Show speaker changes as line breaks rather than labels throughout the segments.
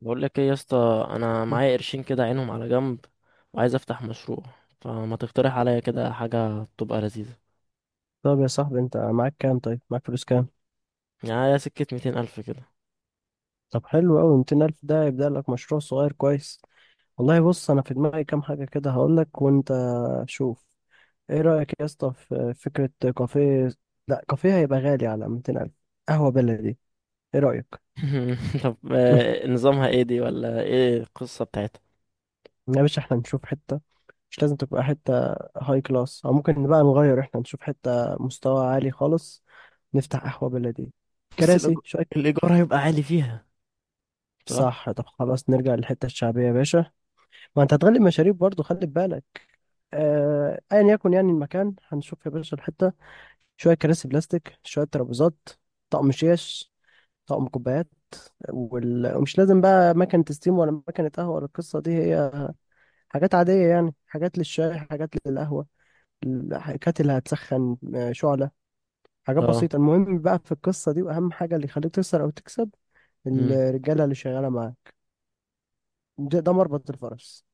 بقول لك ايه يا اسطى، انا معايا قرشين كده عينهم على جنب وعايز افتح مشروع. فما تقترح عليا كده حاجه تبقى لذيذه؟
طب يا صاحبي، انت معاك كام؟ طيب معاك فلوس كام؟
يعني سكه ميتين الف كده.
طب حلو قوي، 200,000 الف ده يبدأ لك مشروع صغير كويس. والله بص، انا في دماغي كام حاجة كده هقول لك، وانت شوف. ايه رأيك يا اسطى في فكرة كافيه؟ لا، كافيه هيبقى غالي على 200,000 الف. قهوة بلدي، ايه رأيك؟
طب نظامها ايه دي؟ ولا ايه القصه بتاعتها؟
يا باشا احنا نشوف حتة، مش لازم تبقى حتة هاي كلاس، او ممكن بقى نغير، احنا نشوف حتة مستوى عالي خالص. نفتح قهوة بلدي،
بس الإيج-
كراسي شوية.
الايجار هيبقى عالي فيها. صح.
صح، طب خلاص نرجع للحتة الشعبية يا باشا. ما انت هتغلي مشاريب برضه، خلي بالك. ايا يكن، يعني المكان هنشوف يا باشا الحته، شويه كراسي بلاستيك، شويه ترابيزات، طقم شيش، طقم كوبايات. ومش لازم بقى مكنه ستيم ولا مكنه قهوه ولا القصه دي، هي حاجات عاديه، يعني حاجات للشاي حاجات للقهوه. كاتل هتسخن، شعله. حاجات
اه.
بسيطه. المهم بقى في القصه دي، واهم حاجه اللي يخليك تخسر او تكسب،
امم.
الرجاله اللي شغاله معاك. ده مربط الفرس.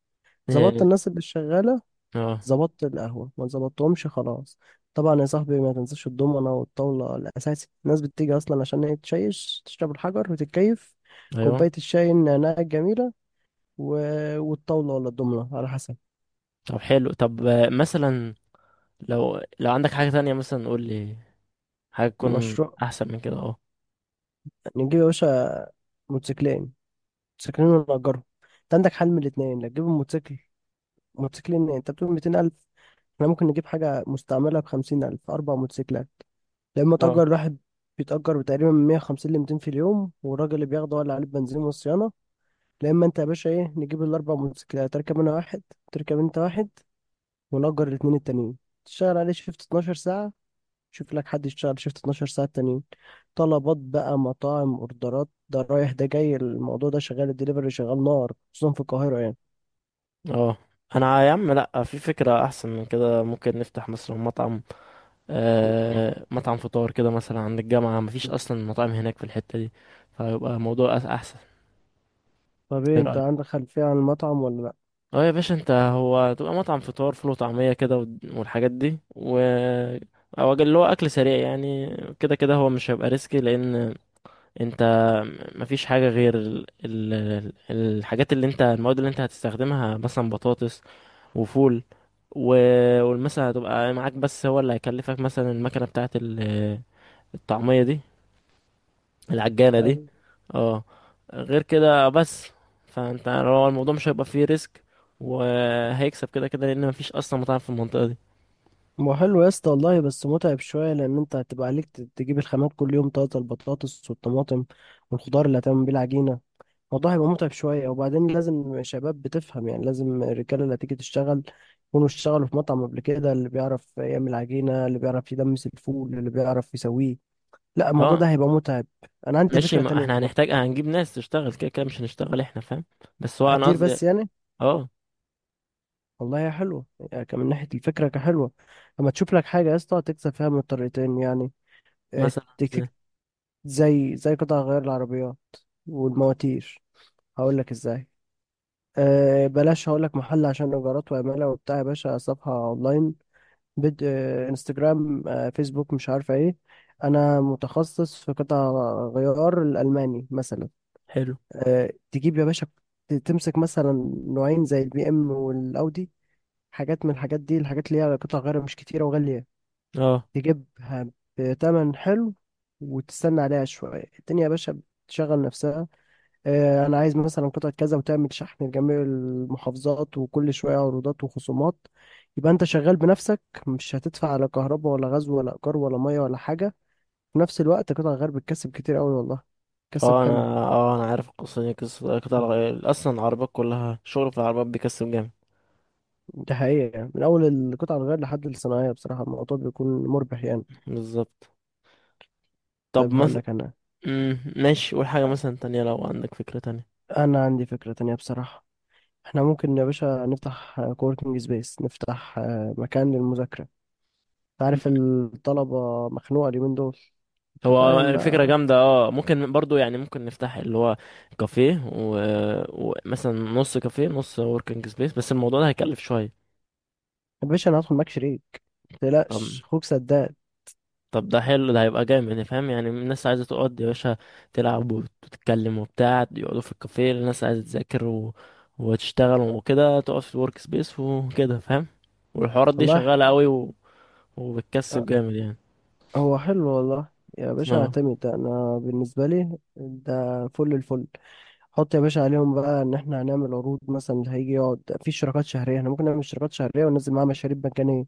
ظبطت
إيه،
الناس اللي شغاله،
اه.
ظبطت القهوة. ما ظبطتهمش، خلاص. طبعا يا صاحبي ما تنساش الضمنة والطاولة الأساسي. الناس بتيجي أصلا عشان هي تشيش، تشرب الحجر وتتكيف،
ايوه.
كوباية الشاي النعناع الجميلة. و... والطاولة ولا الضمنة على حسب.
طب حلو. طب مثلا لو عندك حاجه تانية مثلا قول لي، حاجه تكون
مشروع،
احسن من كده.
نجيب يا باشا موتوسيكلين. موتوسيكلين ونأجرهم. أنت عندك حل من الاتنين، لا تجيب موتوسيكل. موتوسيكلين، أنت بتقول 200,000، احنا ممكن نجيب حاجة مستعملة بخمسين ألف، أربع موتوسيكلات. لما تأجر
اه.
الواحد، بيتأجر تقريبا من 150 ل 200 في اليوم، والراجل اللي بياخده ولا عليه البنزين والصيانة. لا، إما أنت يا باشا إيه، نجيب الأربع موتوسيكلات، تركب أنا واحد، تركب أنت واحد، ونأجر الاتنين التانيين. تشتغل عليه شيفت 12 ساعة، شوف لك حد يشتغل شيفت 12 ساعة التانيين. طلبات بقى، مطاعم، أوردرات، ده رايح ده جاي، الموضوع ده شغال، الدليفري شغال نار خصوصا في القاهرة يعني.
اه. انا يا عم لا، في فكرة احسن من كده. ممكن نفتح مثلا مطعم، آه مطعم فطار كده مثلا عند الجامعة. مفيش اصلا مطاعم هناك في الحتة دي، فيبقى موضوع احسن.
طب إيه،
ايه
أنت
رأيك؟
عندك خلفية عن المطعم ولا
اه يا باشا، انت هو تبقى مطعم فطار، فول وطعمية كده والحاجات دي و، او اللي هو اكل سريع يعني. كده كده هو مش هيبقى ريسكي، لان انت مفيش حاجة غير الحاجات اللي انت، المواد اللي انت هتستخدمها، مثلا بطاطس وفول و، والمثلا هتبقى معاك. بس هو اللي هيكلفك مثلا المكنة بتاعة الطعمية دي، العجانة دي.
لأ؟
اه. غير كده بس. فانت هو الموضوع مش هيبقى فيه ريسك، وهيكسب كده كده لان مفيش اصلا مطاعم في المنطقة دي.
ما هو حلو يا اسطى والله، بس متعب شوية، لأن أنت هتبقى عليك تجيب الخامات كل يوم طازة، البطاطس والطماطم والخضار اللي هتعمل بيه العجينة. الموضوع هيبقى متعب شوية، وبعدين لازم شباب بتفهم، يعني لازم الرجالة اللي هتيجي تشتغل يكونوا اشتغلوا في مطعم قبل كده، اللي بيعرف يعمل عجينة، اللي بيعرف يدمس الفول، اللي بيعرف يسويه. لا، الموضوع
اه
ده هيبقى متعب. أنا عندي
ماشي،
فكرة
ما
تانية
احنا
برضو.
هنحتاج هنجيب ناس تشتغل كده كده، مش هنشتغل احنا، فاهم؟ بس هو انا
هتدير
قصدي.
بس يعني.
اه.
والله هي حلوة، يعني كان من ناحية الفكرة كحلوة. لما تشوف لك حاجة يا اسطى تكسب فيها من الطريقتين، يعني
مثلا ازاي؟
زي قطع غيار العربيات والمواتير. هقول لك ازاي. أه بلاش، هقول لك محل عشان ايجارات وعماله وبتاع. يا باشا صفحه اونلاين، بد أه انستجرام، فيسبوك، مش عارفه ايه. انا متخصص في قطع غيار الالماني مثلا.
حلو.
تجيب يا باشا، تمسك مثلا نوعين زي البي ام والاودي. حاجات من الحاجات دي، الحاجات اللي هي قطع غيار مش كتيره وغاليه.
اه.
تجيبها بتمن حلو، وتستنى عليها شويه، الدنيا يا باشا بتشغل نفسها. انا عايز مثلا قطعة كذا، وتعمل شحن لجميع المحافظات، وكل شوية عروضات وخصومات. يبقى انت شغال بنفسك، مش هتدفع على كهرباء ولا غاز ولا ايجار ولا مية ولا حاجة. في نفس الوقت قطع الغيار بتكسب كتير قوي والله، بتكسب
اه انا،
حلو.
اه انا عارف القصة دي، قصة قطع
مم.
الغيار، اصلا العربيات كلها شغل، في العربيات بيكسب جامد.
ده حقيقة، يعني من اول القطع الغيار لحد الصناعية بصراحة الموضوع بيكون مربح يعني.
بالظبط. طب
طيب هقول
مثلا.
لك انا،
ماشي، قول حاجة مثلا تانية لو عندك فكرة تانية.
انا عندي فكرة تانية بصراحة. احنا ممكن يا باشا نفتح كوركينج سبيس، نفتح مكان للمذاكرة.
مم.
عارف الطلبة مخنوقة اليومين دول. انت فاهم
هو فكرة
بقى.
جامدة اه، ممكن برضو، يعني ممكن نفتح اللي هو كافيه، ومثلا و، ومثلاً نص كافيه نص وركينج سبيس. بس الموضوع ده هيكلف شوية.
يا باشا انا هدخل معاك شريك،
طب.
متقلقش اخوك سداد
طب ده حلو، ده هيبقى جامد، فاهم؟ يعني الناس عايزة تقعد يا باشا، تلعب وتتكلم وبتاع، يقعدوا في الكافيه. الناس عايزة تذاكر و، وتشتغل وكده، تقعد في الورك سبيس وكده، فاهم؟ والحوارات دي
والله.
شغالة قوي و، وبتكسب
أه،
جامد يعني.
هو حلو والله. يا باشا
اه.
اعتمد ده، انا بالنسبة لي ده فل الفل. حط يا باشا عليهم بقى ان احنا هنعمل عروض، مثلا اللي هيجي يقعد في اشتراكات شهرية، احنا ممكن نعمل اشتراكات شهرية وننزل معاها مشاريب مجانية.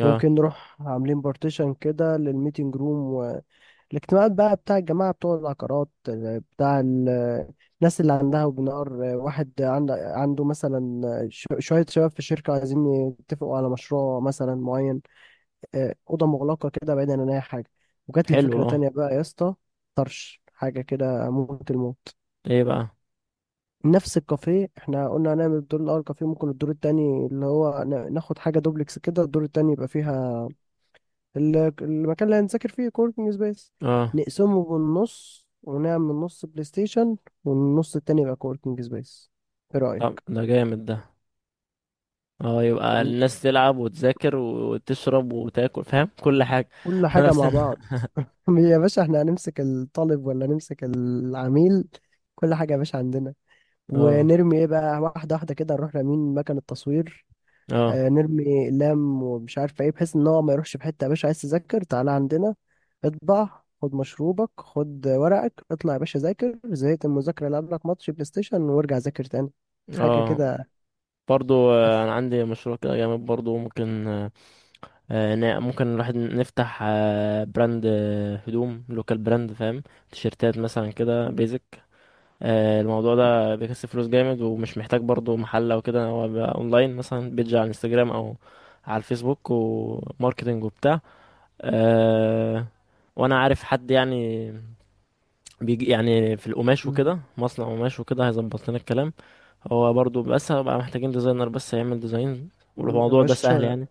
اه
ممكن نروح عاملين بارتيشن كده للميتنج روم، الاجتماعات بقى بتاع الجماعة بتوع العقارات، بتاع الناس اللي عندها، وبنار واحد عنده مثلا شوية شباب في الشركة عايزين يتفقوا على مشروع مثلا معين. أوضة مغلقة كده، بعيدا عن أي حاجة. وجات لي
حلو.
فكرة
اه.
تانية بقى يا اسطى، طرش حاجة كده موت الموت.
ايه بقى؟
نفس الكافيه، احنا قلنا هنعمل الدور الأول كافيه، ممكن الدور التاني اللي هو ناخد حاجة دوبلكس كده، الدور التاني يبقى فيها المكان اللي هنذاكر فيه، كوركينج سبيس.
اه.
نقسمه بالنص، ونعمل نص بلاي ستيشن والنص التاني يبقى كوركينج سبيس. ايه
طب
رأيك؟
ده جامد ده. اه يبقى
ون-
الناس تلعب وتذاكر وتشرب وتاكل، فاهم؟ كل حاجة
كل
في
حاجة
نفس
مع بعض. يا باشا احنا هنمسك الطالب ولا نمسك العميل؟ كل حاجة يا باشا عندنا.
اه.
ونرمي ايه بقى، واحدة واحدة كده، نروح رامين مكان التصوير.
اه.
نرمي اقلام ومش عارف ايه، بحيث ان هو ما يروحش في حته. يا باشا عايز تذاكر، تعالى عندنا، اطبع، خد مشروبك، خد ورقك، اطلع يا باشا ذاكر. زهقت من المذاكره، العب لك ماتش بلاي ستيشن وارجع ذاكر تاني. حاجه
اه
كده.
برضو
أف-
انا عندي مشروع كده جامد برضو. ممكن ممكن الواحد نفتح براند، هدوم، لوكال براند، فاهم؟ تيشيرتات مثلا كده بيزك. الموضوع ده بيكسب فلوس جامد، ومش محتاج برضو محل او كده، هو بيبقى اونلاين، مثلا بيج على الانستجرام او على الفيسبوك، وماركتنج وبتاع. أه. وانا عارف حد يعني بيجي يعني في القماش
م-
وكده، مصنع قماش وكده، هيظبط لنا الكلام. هو برضو، بس هبقى محتاجين ديزاينر بس يعمل ديزاين.
يا
والموضوع ده سهل
باشا
يعني.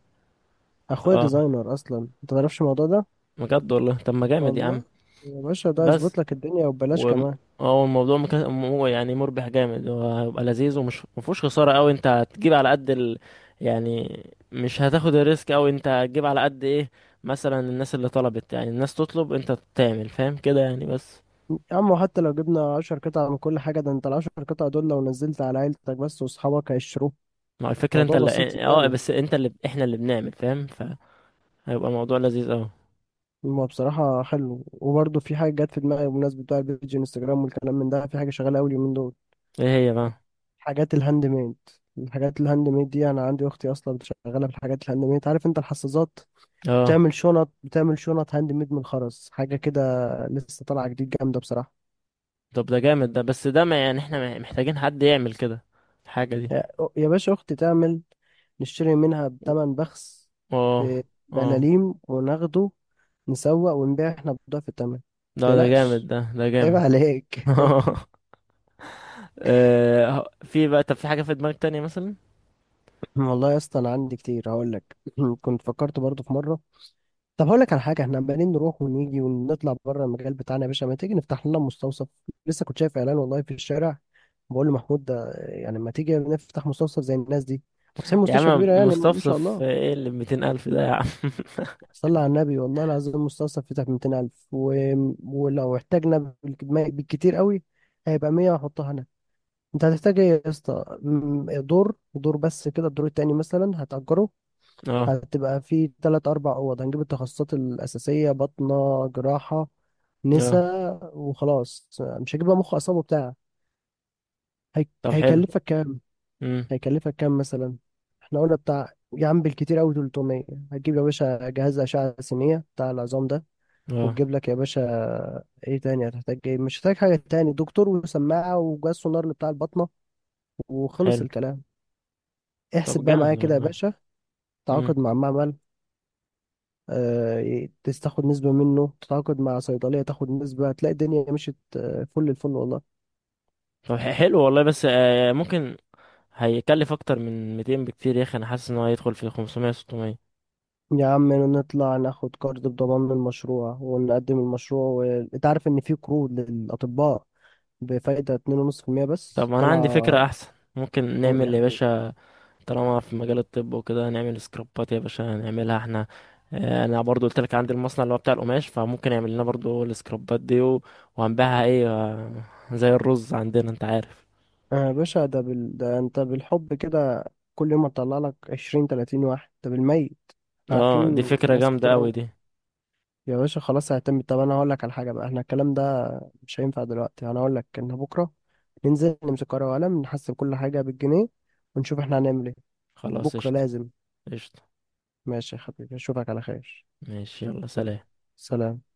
اخويا
اه.
ديزاينر اصلا، انت ما تعرفش الموضوع ده.
بجد والله؟ طب ما جامد يا عم.
والله يا باشا ده
بس.
يظبط لك الدنيا وببلاش
و
كمان.
اه الموضوع يعني مربح جامد وهيبقى لذيذ، ومش مفهوش خسارة قوي. انت هتجيب على قد يعني، مش هتاخد الريسك قوي، انت هتجيب على قد ايه مثلا الناس اللي طلبت. يعني الناس تطلب انت تعمل، فاهم كده يعني. بس
يا عم وحتى لو جبنا 10 قطع من كل حاجة، ده انت العشر قطع دول لو نزلت على عيلتك بس واصحابك هيشتروه.
ما الفكرة انت
موضوع
اللي،
بسيط
إيه، اه
يعني.
بس انت اللي، احنا اللي بنعمل، فاهم؟ فهيبقى موضوع لذيذ اوي.
هو بصراحة حلو، وبرضه في حاجة جت في دماغي بمناسبة بتاع البيج انستجرام والكلام من ده. في حاجة شغالة أوي اليومين دول،
ايه هي بقى؟
حاجات الهاند ميد. الحاجات الهاند ميد دي أنا عندي أختي أصلا شغالة في الحاجات الهاند ميد. عارف أنت الحظاظات،
اه.
بتعمل شنط، بتعمل شنط هاند ميد من الخرز، حاجة كده لسه طالعة جديد، جامدة بصراحة.
طب ده جامد ده، بس ده ما يعني احنا محتاجين حد يعمل كده الحاجة دي.
يا يا باشا أختي تعمل، نشتري منها بتمن بخس،
اه. اه.
بملاليم، وناخده نسوق ونبيع احنا بضعف التمن.
ده ده جامد،
متقلقش،
ده ده
عيب
جامد.
عليك.
في بقى، طب في حاجة في دماغك تانية مثلا؟
والله يا اسطى انا عندي كتير هقول لك. كنت فكرت برضو في مره، طب هقول لك على حاجه. احنا عمالين نروح ونيجي ونطلع بره المجال بتاعنا يا باشا، ما تيجي نفتح لنا مستوصف؟ لسه كنت شايف اعلان والله في الشارع، بقول لمحمود ده، يعني ما تيجي نفتح مستوصف زي الناس دي فاتحين
يا
مستشفى
عم
كبيره، يعني ما شاء
مستفصف
الله.
ايه اللي بميتين ألف ده يا عم؟
صلى على النبي، والله العظيم المستوصف فتح ب 200,000. ولو احتاجنا بالكتير قوي هيبقى 100، هحطها هنا. انت هتحتاج ايه يا اسطى؟ دور دور بس كده، الدور التاني مثلا هتأجره.
اه.
هتبقى في تلات أربع أوض، هنجيب التخصصات الأساسية، بطنة، جراحة،
اه.
نساء، وخلاص. مش هجيب بقى مخ أصلا وبتاع. هي...
طب حلو.
هيكلفك كام؟
امم.
هيكلفك كام مثلا؟ احنا قلنا بتاع يا عم بالكتير أوي 300. هتجيب يا باشا جهاز أشعة سينية بتاع العظام ده،
اه
وتجيب لك يا باشا ايه تاني؟ هتحتاج ايه؟ مش هتحتاج حاجة تاني. دكتور، وسماعة، وجهاز سونار اللي بتاع البطنة، وخلص
حلو.
الكلام. احسب
طب
بقى
جامد
معايا كده يا
والله.
باشا.
امم.
تعاقد مع معمل، تاخد نسبة منه، تتعاقد مع صيدلية تاخد نسبة، هتلاقي الدنيا مشيت فل الفل والله.
طب حلو والله، بس آه ممكن هيكلف اكتر من 200 بكتير يا اخي. انا حاسس ان هو هيدخل في 500 600.
يا عم نطلع ناخد كارد بضمان المشروع ونقدم المشروع، انت عارف ان في قروض للأطباء بفايدة 2.5%
طب
بس
ما انا عندي فكرة
طالعة.
احسن. ممكن
قول يا
نعمل يا
حبيبي.
باشا، طالما في مجال الطب وكده، نعمل سكرابات يا باشا، نعملها احنا. انا برضو قلت لك عندي المصنع اللي هو بتاع القماش، فممكن يعمل لنا برضو السكرابات دي وهنبيعها ايه، زي الرز عندنا انت عارف.
يا باشا ده, ده انت بالحب كده، كل يوم هتطلع لك 20 30 واحد ده بالميت.
اه دي
عارفين
فكرة
ناس
جامدة
كتير
قوي
أوي.
دي.
يا باشا خلاص اعتمد. طب انا هقول لك على حاجه بقى، احنا الكلام ده مش هينفع دلوقتي، انا هقول لك ان بكره ننزل نمسك ورقه وقلم، نحسب كل حاجه بالجنيه، ونشوف احنا هنعمل ايه.
خلاص
بكره
قشطة.
لازم.
قشطة.
ماشي يا حبيبي، اشوفك على خير.
ماشي يلا
يلا،
سلام.
سلام.